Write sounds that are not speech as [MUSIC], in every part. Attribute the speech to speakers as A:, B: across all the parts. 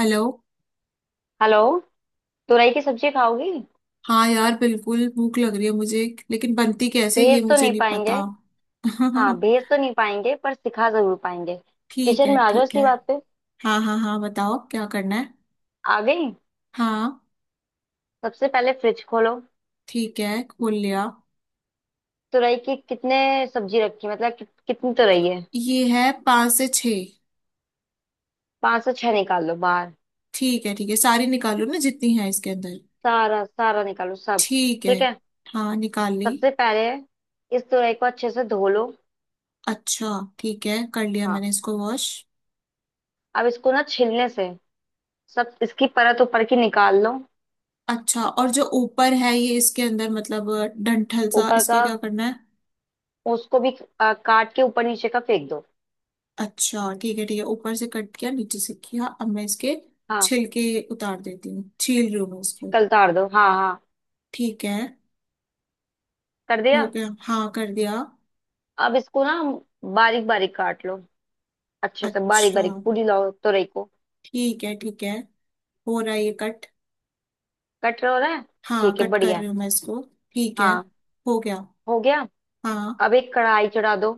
A: Hello.
B: Hello. तुरई की सब्जी खाओगी।
A: हाँ यार, बिल्कुल भूख लग रही है मुझे। लेकिन बनती कैसे ये
B: भेज तो
A: मुझे
B: नहीं
A: नहीं
B: पाएंगे।
A: पता।
B: हाँ,
A: [LAUGHS]
B: भेज तो नहीं पाएंगे पर सिखा जरूर पाएंगे।
A: ठीक
B: किचन
A: है
B: में आ जाओ
A: ठीक
B: इसी
A: है।
B: बात पे।
A: हाँ हाँ हाँ, बताओ क्या करना है।
B: आ गई।
A: हाँ।
B: सबसे पहले फ्रिज खोलो।
A: ठीक है, खोल लिया।
B: तुरई की कितने सब्जी रखी, मतलब कि, कितनी तुरई है।
A: ये है पाँच से छः।
B: पांच से छह निकाल लो बाहर।
A: ठीक है ठीक है, सारी निकालो ना जितनी है इसके अंदर।
B: सारा सारा निकालो सब।
A: ठीक है।
B: ठीक है।
A: हाँ निकाल ली।
B: सबसे पहले इस तुरई को अच्छे से धो लो।
A: अच्छा। ठीक है, कर लिया
B: हाँ।
A: मैंने इसको वॉश।
B: अब इसको ना छिलने से सब इसकी परत ऊपर की निकाल लो।
A: अच्छा, और जो ऊपर है ये इसके अंदर मतलब डंठल सा
B: ऊपर का
A: इसका क्या करना है।
B: उसको भी काट के ऊपर नीचे का फेंक दो।
A: अच्छा ठीक है ठीक है, ऊपर से कट किया नीचे से किया। अब मैं इसके
B: हाँ,
A: छिलके उतार देती हूँ, छील रही हूँ मैं उसको।
B: कल तार दो। हाँ हाँ।
A: ठीक है।
B: कर
A: हो
B: दिया।
A: गया, हाँ कर दिया।
B: अब इसको ना बारीक बारीक काट लो। अच्छे से बारीक
A: अच्छा
B: बारीक पूरी लाओ तुरई को।
A: ठीक है ठीक है। हो रहा है ये कट।
B: कट रहा, हो रहा है।
A: हाँ,
B: ठीक है,
A: कट कर
B: बढ़िया है।
A: रही हूँ मैं इसको। ठीक है।
B: हाँ,
A: हो गया।
B: हो गया।
A: हाँ।
B: अब एक कढ़ाई चढ़ा दो।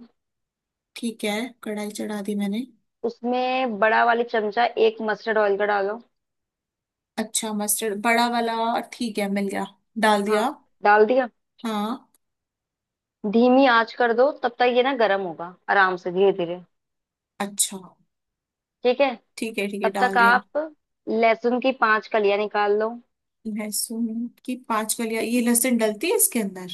A: ठीक है। कढ़ाई चढ़ा दी मैंने।
B: उसमें बड़ा वाली चमचा एक मस्टर्ड ऑयल का डालो।
A: अच्छा, मस्टर्ड बड़ा वाला। ठीक है, मिल गया। डाल
B: हाँ,
A: दिया।
B: डाल दिया।
A: हाँ।
B: धीमी आंच कर दो, तब तक ये ना गर्म होगा आराम से धीरे धीरे।
A: अच्छा
B: ठीक है।
A: ठीक है ठीक है,
B: तब
A: डाल
B: तक
A: दिया।
B: आप लहसुन की पांच कलियां निकाल लो।
A: लहसुन की पांच कलियां? ये लहसुन डलती है इसके अंदर?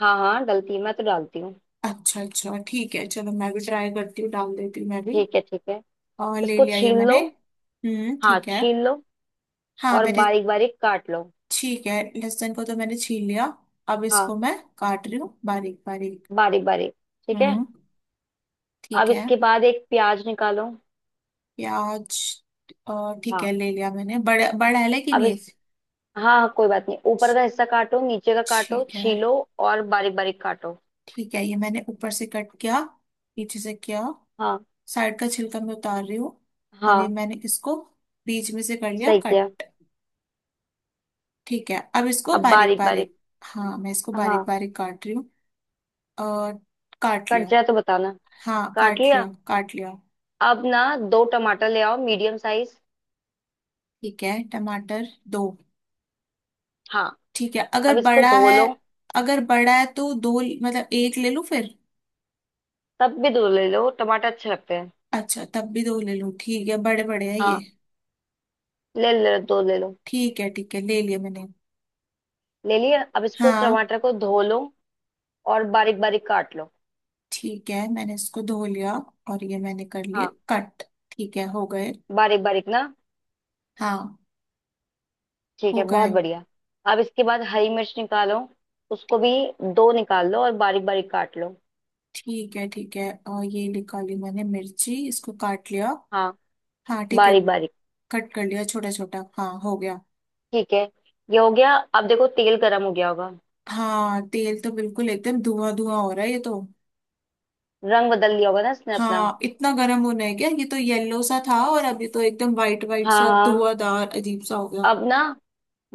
B: हाँ हाँ, डलती है, मैं तो डालती हूँ।
A: अच्छा अच्छा ठीक है, चलो मैं भी ट्राई करती हूँ, डाल देती हूँ मैं भी।
B: ठीक है ठीक है।
A: और ले
B: इसको
A: लिया ये
B: छील लो।
A: मैंने। हम्म,
B: हाँ,
A: ठीक है।
B: छील लो
A: हाँ
B: और
A: मैंने।
B: बारीक बारीक काट लो।
A: ठीक है, लहसुन को तो मैंने छील लिया। अब इसको
B: हाँ,
A: मैं काट रही हूँ बारीक बारीक।
B: बारीक बारीक। ठीक है।
A: हम्म। ठीक
B: अब
A: है।
B: इसके बाद एक प्याज निकालो।
A: प्याज। और ठीक
B: हाँ,
A: है, ले लिया मैंने। बड़ा बड़ा है लेकिन
B: अब
A: ये।
B: इस, हाँ हाँ कोई बात नहीं, ऊपर का हिस्सा काटो नीचे का काटो
A: ठीक है।
B: छीलो, और बारीक बारीक काटो।
A: ठीक है, ये मैंने ऊपर से कट किया, पीछे से किया।
B: हाँ
A: साइड का छिलका मैं उतार रही हूँ। अभी
B: हाँ,
A: मैंने इसको बीच में से कर लिया
B: सही किया।
A: कट। ठीक है, अब इसको
B: अब
A: बारीक
B: बारीक बारीक,
A: बारीक। हाँ मैं इसको बारीक
B: हाँ।
A: बारीक काट रही हूँ। और काट
B: कट
A: लिया।
B: जाए तो बताना।
A: हाँ
B: काट
A: काट
B: लिया।
A: लिया काट लिया।
B: अब ना दो टमाटर ले आओ मीडियम साइज।
A: ठीक है, टमाटर दो।
B: हाँ,
A: ठीक है,
B: अब
A: अगर
B: इसको
A: बड़ा
B: धो
A: है,
B: लो।
A: अगर बड़ा है तो दो मतलब एक ले लूँ फिर।
B: तब भी दो ले लो, टमाटर अच्छे लगते हैं।
A: अच्छा, तब भी दो ले लूँ। ठीक है, बड़े बड़े है ये।
B: हाँ, ले ले, दो ले लो।
A: ठीक है ठीक है, ले लिया मैंने।
B: ले लिया, अब इसको
A: हाँ।
B: टमाटर को धो लो और बारीक बारीक काट लो।
A: ठीक है, मैंने इसको धो लिया। और ये मैंने कर लिए
B: हाँ,
A: कट। ठीक है, हो गए।
B: बारीक बारीक ना।
A: हाँ
B: ठीक
A: हो
B: है,
A: गए।
B: बहुत बढ़िया। अब इसके बाद हरी मिर्च निकालो। उसको भी दो निकाल लो और बारीक बारीक काट लो।
A: ठीक है ठीक है, और ये निकाली मैंने मिर्ची, इसको काट लिया।
B: हाँ,
A: हाँ ठीक है।
B: बारीक बारीक।
A: कट कर लिया, छोटा छोटा। हाँ हो गया।
B: ठीक है। ये हो गया, अब देखो तेल गर्म हो गया होगा।
A: हाँ, तेल तो बिल्कुल एकदम धुआं धुआं हो रहा है ये तो।
B: रंग बदल लिया होगा ना इसने अपना।
A: हाँ, इतना गर्म होना है क्या? ये तो येलो सा था और अभी तो एकदम वाइट वाइट
B: हाँ
A: सा
B: हाँ।
A: धुआंधार अजीब सा हो गया।
B: अब ना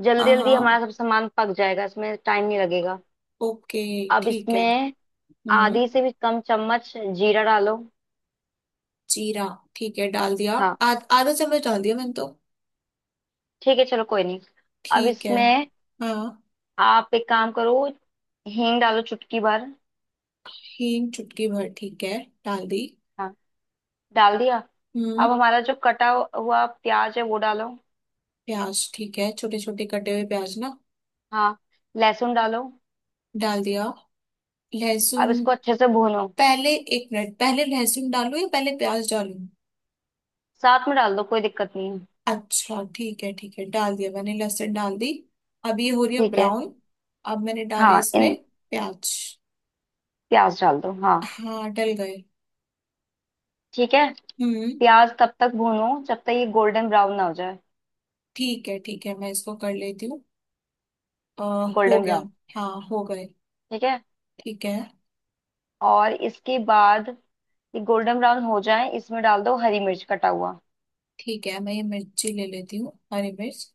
B: जल्दी
A: हाँ
B: जल्दी
A: हाँ।
B: हमारा सब सामान पक जाएगा, इसमें टाइम नहीं लगेगा।
A: ओके।
B: अब
A: ठीक है।
B: इसमें
A: हम्म।
B: आधी से भी कम चम्मच जीरा डालो।
A: जीरा? ठीक है, डाल दिया।
B: हाँ,
A: आध आधा चम्मच डाल दिया मैंने तो।
B: ठीक है चलो कोई नहीं। अब
A: ठीक है।
B: इसमें
A: हाँ।
B: आप एक काम करो, हींग डालो चुटकी भर।
A: हींग चुटकी भर, ठीक है। डाल दी।
B: हाँ, डाल दिया। अब
A: हम्म।
B: हमारा जो कटा हुआ प्याज है वो डालो।
A: प्याज, ठीक है। छोटे छोटे कटे हुए प्याज ना।
B: हाँ, लहसुन डालो।
A: डाल दिया।
B: अब
A: लहसुन।
B: इसको अच्छे से भूनो।
A: पहले एक मिनट, पहले लहसुन डालूं या पहले प्याज डालूं?
B: साथ में डाल दो, कोई दिक्कत नहीं है।
A: अच्छा ठीक है ठीक है, डाल दिया मैंने, लहसुन डाल दी। अब ये हो रही है
B: ठीक है।
A: ब्राउन। अब मैंने डाले
B: हाँ इन,
A: इसमें प्याज।
B: प्याज डाल दो। हाँ,
A: हाँ डल गए।
B: ठीक है।
A: हम्म।
B: प्याज तब तक भूनो जब तक ये गोल्डन ब्राउन ना हो जाए।
A: ठीक है ठीक है, मैं इसको कर लेती हूँ। अ, हो
B: गोल्डन
A: गया।
B: ब्राउन।
A: हाँ हो गए।
B: ठीक है।
A: ठीक है
B: और इसके बाद ये गोल्डन ब्राउन हो जाए, इसमें डाल दो हरी मिर्च कटा हुआ।
A: ठीक है, मैं ये मिर्ची ले लेती हूँ, हरी मिर्च।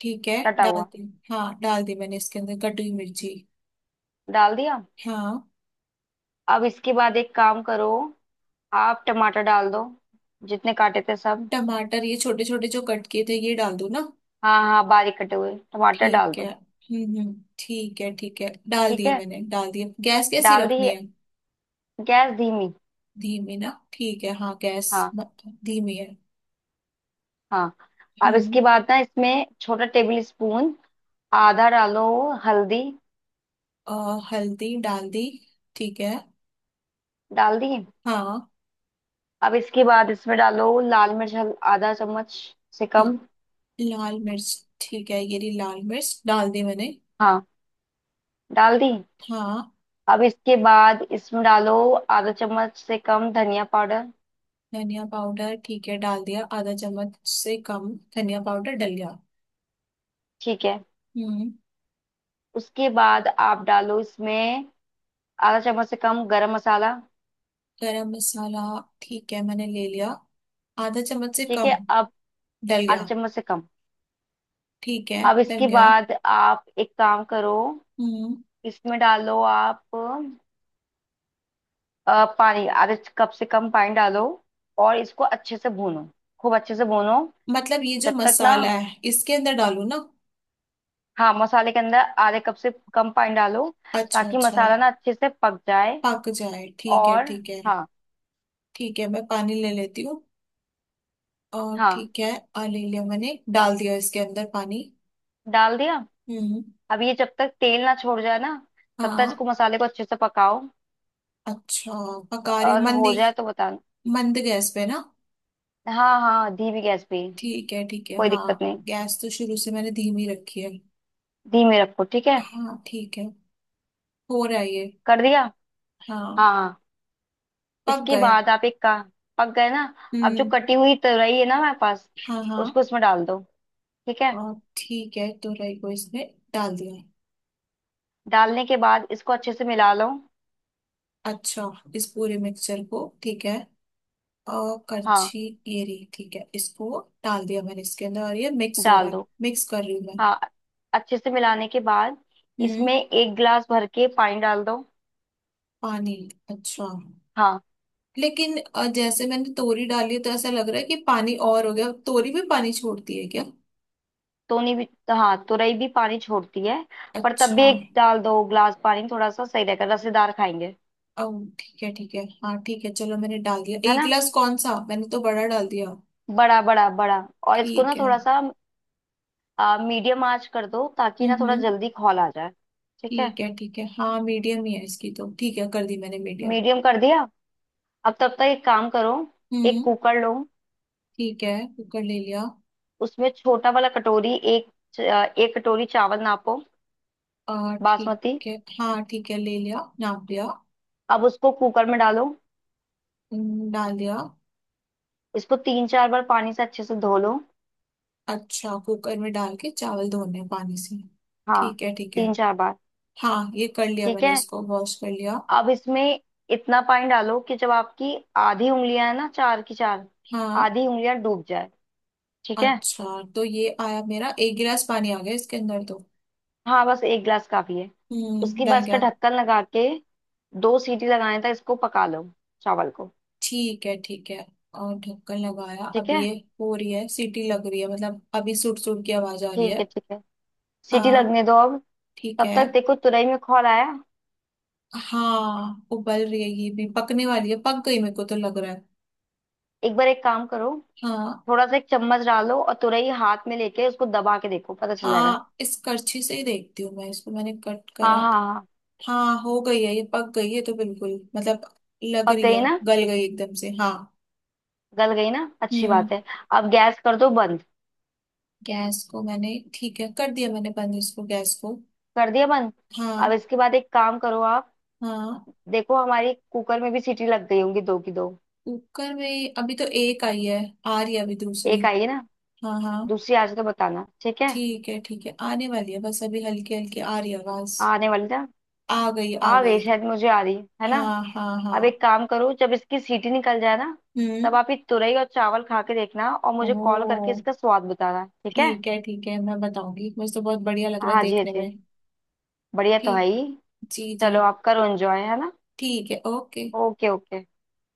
A: ठीक है,
B: कटा
A: डाल
B: हुआ।
A: दी। हाँ, डाल दी मैंने इसके अंदर कटी हुई मिर्ची।
B: डाल दिया।
A: हाँ।
B: अब इसके बाद एक काम करो, आप टमाटर डाल दो जितने काटे थे सब।
A: टमाटर, ये छोटे छोटे जो कट किए थे ये डाल दूँ ना?
B: हाँ हाँ, बारीक कटे हुए टमाटर डाल
A: ठीक है।
B: दो।
A: हम्म, ठीक है ठीक है, डाल
B: ठीक
A: दिए
B: है,
A: मैंने, डाल दिए। गैस कैसी
B: डाल दी।
A: रखनी है?
B: गैस धीमी।
A: धीमी ना, ठीक है। हाँ, गैस
B: हाँ
A: धीमी है।
B: हाँ। अब
A: हम्म।
B: इसके बाद ना इसमें छोटा टेबल स्पून आधा डालो हल्दी।
A: अ, हल्दी डाल दी। ठीक है।
B: डाल दी।
A: हाँ।
B: अब इसके बाद इसमें डालो लाल मिर्च, आधा चम्मच से
A: ल-
B: कम।
A: लाल मिर्च, ठीक है। ये रही लाल मिर्च, डाल दी मैंने।
B: हाँ, डाल दी।
A: हाँ।
B: अब इसके बाद इसमें डालो आधा चम्मच से कम धनिया पाउडर।
A: धनिया पाउडर, ठीक है, डाल दिया, आधा चम्मच से कम। धनिया पाउडर डल गया।
B: ठीक है।
A: हम्म।
B: उसके बाद आप डालो इसमें आधा चम्मच से कम गरम मसाला।
A: गरम मसाला, ठीक है मैंने ले लिया, आधा चम्मच से
B: ठीक है।
A: कम।
B: अब
A: डल
B: आधा
A: गया।
B: चम्मच से कम।
A: ठीक है,
B: अब
A: डल
B: इसके
A: गया।
B: बाद आप एक काम करो।
A: हम्म,
B: इसमें डालो आप पानी, आधे कप से कम पानी डालो और इसको अच्छे से भूनो। खूब अच्छे से भूनो
A: मतलब ये जो
B: जब तक ना,
A: मसाला है इसके अंदर डालू ना?
B: हाँ मसाले के अंदर आधे कप से कम पानी डालो
A: अच्छा
B: ताकि
A: अच्छा।
B: मसाला ना अच्छे से पक जाए।
A: पक जाए, ठीक है
B: और
A: ठीक है।
B: हाँ
A: ठीक है, मैं पानी ले लेती हूँ। और
B: हाँ,
A: ठीक है। आ, ले लिया मैंने, डाल दिया इसके अंदर पानी।
B: डाल दिया।
A: हम्म।
B: अब ये जब तक तेल ना छोड़ जाए ना, तब तक
A: हाँ।
B: इसको मसाले को अच्छे से पकाओ।
A: अच्छा, पका रही हूँ
B: और हो
A: मंदी,
B: जाए तो बताना।
A: मंद गैस पे ना।
B: हाँ हाँ, धीमी गैस पे।
A: ठीक है ठीक है,
B: कोई
A: हाँ,
B: दिक्कत नहीं,
A: गैस तो शुरू से मैंने धीमी रखी है।
B: धीमे रखो ठीक है।
A: हाँ ठीक है। हो रहा है ये।
B: कर दिया।
A: हाँ।
B: हाँ हाँ।
A: पक
B: इसके
A: गए।
B: बाद आप एक का, पक गए ना। अब जो
A: हम्म।
B: कटी हुई तराई है ना हमारे पास,
A: हाँ
B: उसको
A: हाँ।
B: इसमें डाल दो। ठीक है,
A: और ठीक है, तो राई को इसमें डाल दिया।
B: डालने के बाद इसको अच्छे से मिला लो।
A: अच्छा, इस पूरे मिक्सचर को? ठीक है। और
B: हाँ,
A: करछी, ये रही। ठीक है, इसको डाल दिया मैंने इसके अंदर, और ये मिक्स हो रहा
B: डाल
A: है,
B: दो।
A: मिक्स कर रही हूँ मैं।
B: हाँ, अच्छे से मिलाने के बाद
A: हम्म।
B: इसमें एक गिलास भर के पानी डाल दो।
A: पानी, अच्छा।
B: हाँ,
A: लेकिन जैसे मैंने तोरी डाली तो ऐसा लग रहा है कि पानी और हो गया, तोरी भी पानी छोड़ती है क्या?
B: तोनी भी, हाँ तुरई भी पानी छोड़ती है। पर तब भी
A: अच्छा।
B: एक डाल दो गिलास पानी, थोड़ा सा सही रहेगा, रसेदार खाएंगे।
A: ओ ठीक है ठीक है, हाँ ठीक है, चलो मैंने डाल दिया
B: है
A: एक
B: ना।
A: गिलास, कौन सा मैंने तो बड़ा डाल दिया।
B: बड़ा बड़ा बड़ा। और इसको
A: ठीक
B: ना
A: है।
B: थोड़ा सा मीडियम आंच कर दो ताकि ना थोड़ा
A: हम्म,
B: जल्दी खौल आ जाए। ठीक है,
A: ठीक है ठीक है, हाँ मीडियम ही है इसकी तो। ठीक है, कर दी मैंने मीडियम।
B: मीडियम कर दिया। अब तब तक एक काम करो। एक
A: हम्म।
B: कुकर लो।
A: ठीक है, कुकर ले लिया।
B: उसमें छोटा वाला कटोरी एक, च- एक कटोरी चावल नापो,
A: आ ठीक
B: बासमती।
A: है। हाँ ठीक है, ले लिया, नाप लिया।
B: अब उसको कुकर में डालो।
A: डाल दिया।
B: इसको तीन चार बार पानी से अच्छे से धो लो।
A: अच्छा, कुकर में डाल के चावल धोने हैं पानी से?
B: हाँ,
A: ठीक है ठीक है।
B: तीन चार बार।
A: हाँ, ये कर लिया
B: ठीक
A: मैंने,
B: है।
A: इसको वॉश कर लिया।
B: अब इसमें इतना पानी डालो कि जब आपकी आधी उंगलियां है ना, चार की चार
A: हाँ।
B: आधी उंगलियां डूब जाए। ठीक है,
A: अच्छा, तो ये आया मेरा, एक गिलास पानी आ गया इसके अंदर तो।
B: हाँ बस एक गिलास काफी है।
A: हम्म,
B: उसके
A: डल
B: बाद इसका
A: गया।
B: ढक्कन लगा के दो सीटी लगाने तक इसको पका लो, चावल को।
A: ठीक है ठीक है, और ढक्कन लगाया।
B: ठीक
A: अब ये
B: है
A: हो रही है सीटी, लग रही है, मतलब अभी सुट सुट की आवाज आ रही
B: ठीक
A: है।
B: है ठीक है। सीटी
A: हाँ
B: लगने दो अब।
A: ठीक
B: तब
A: है।
B: तक देखो तुरई में खौल आया।
A: हाँ, उबल रही है, ये भी पकने वाली है, पक गई मेरे को तो लग रहा है।
B: एक बार एक काम करो।
A: हाँ
B: थोड़ा सा एक चम्मच डालो और तुरई हाथ में लेके उसको दबा के देखो पता चल जाएगा।
A: हाँ, इस करछी से ही देखती हूँ मैं इसको, मैंने कट
B: हाँ
A: करा।
B: हाँ हाँ।
A: हाँ हो गई है, ये पक गई है तो बिल्कुल मतलब लग
B: पक
A: रही
B: गई
A: है,
B: ना,
A: गल गई एकदम से। हाँ।
B: गल गई ना, अच्छी बात
A: हम्म।
B: है। अब गैस कर दो बंद।
A: गैस को मैंने, ठीक है, कर दिया मैंने बंद इसको, गैस को।
B: कर दिया बंद। अब
A: हाँ
B: इसके बाद एक काम करो आप।
A: हाँ।
B: देखो हमारी कुकर में भी सीटी लग गई होंगी दो की दो।
A: कुकर में अभी तो एक आई है, आ रही है अभी दूसरी।
B: एक आई है ना।
A: हाँ हाँ।
B: दूसरी आज तो बताना ठीक है।
A: ठीक है ठीक है, आने वाली है बस, अभी हल्की हल्की आ रही है आवाज।
B: आने वाली ना।
A: आ गई आ
B: आ गई
A: गई।
B: शायद, मुझे आ रही है ना।
A: हाँ हाँ हाँ।
B: अब एक काम करो, जब इसकी सीटी निकल जाए ना, तब
A: हम्म।
B: आप ये तुरई और चावल खा के देखना और मुझे कॉल करके
A: ओ
B: इसका स्वाद बताना ठीक है।
A: ठीक है ठीक है, मैं बताऊंगी, मुझे तो बहुत बढ़िया लग
B: हाँ
A: रहा है
B: हाँ जी, हाँ
A: देखने
B: जी।
A: में।
B: बढ़िया तो है
A: ठीक,
B: ही।
A: जी जी।
B: चलो आप करो एंजॉय, है ना।
A: ठीक है। ओके।
B: Okay okay.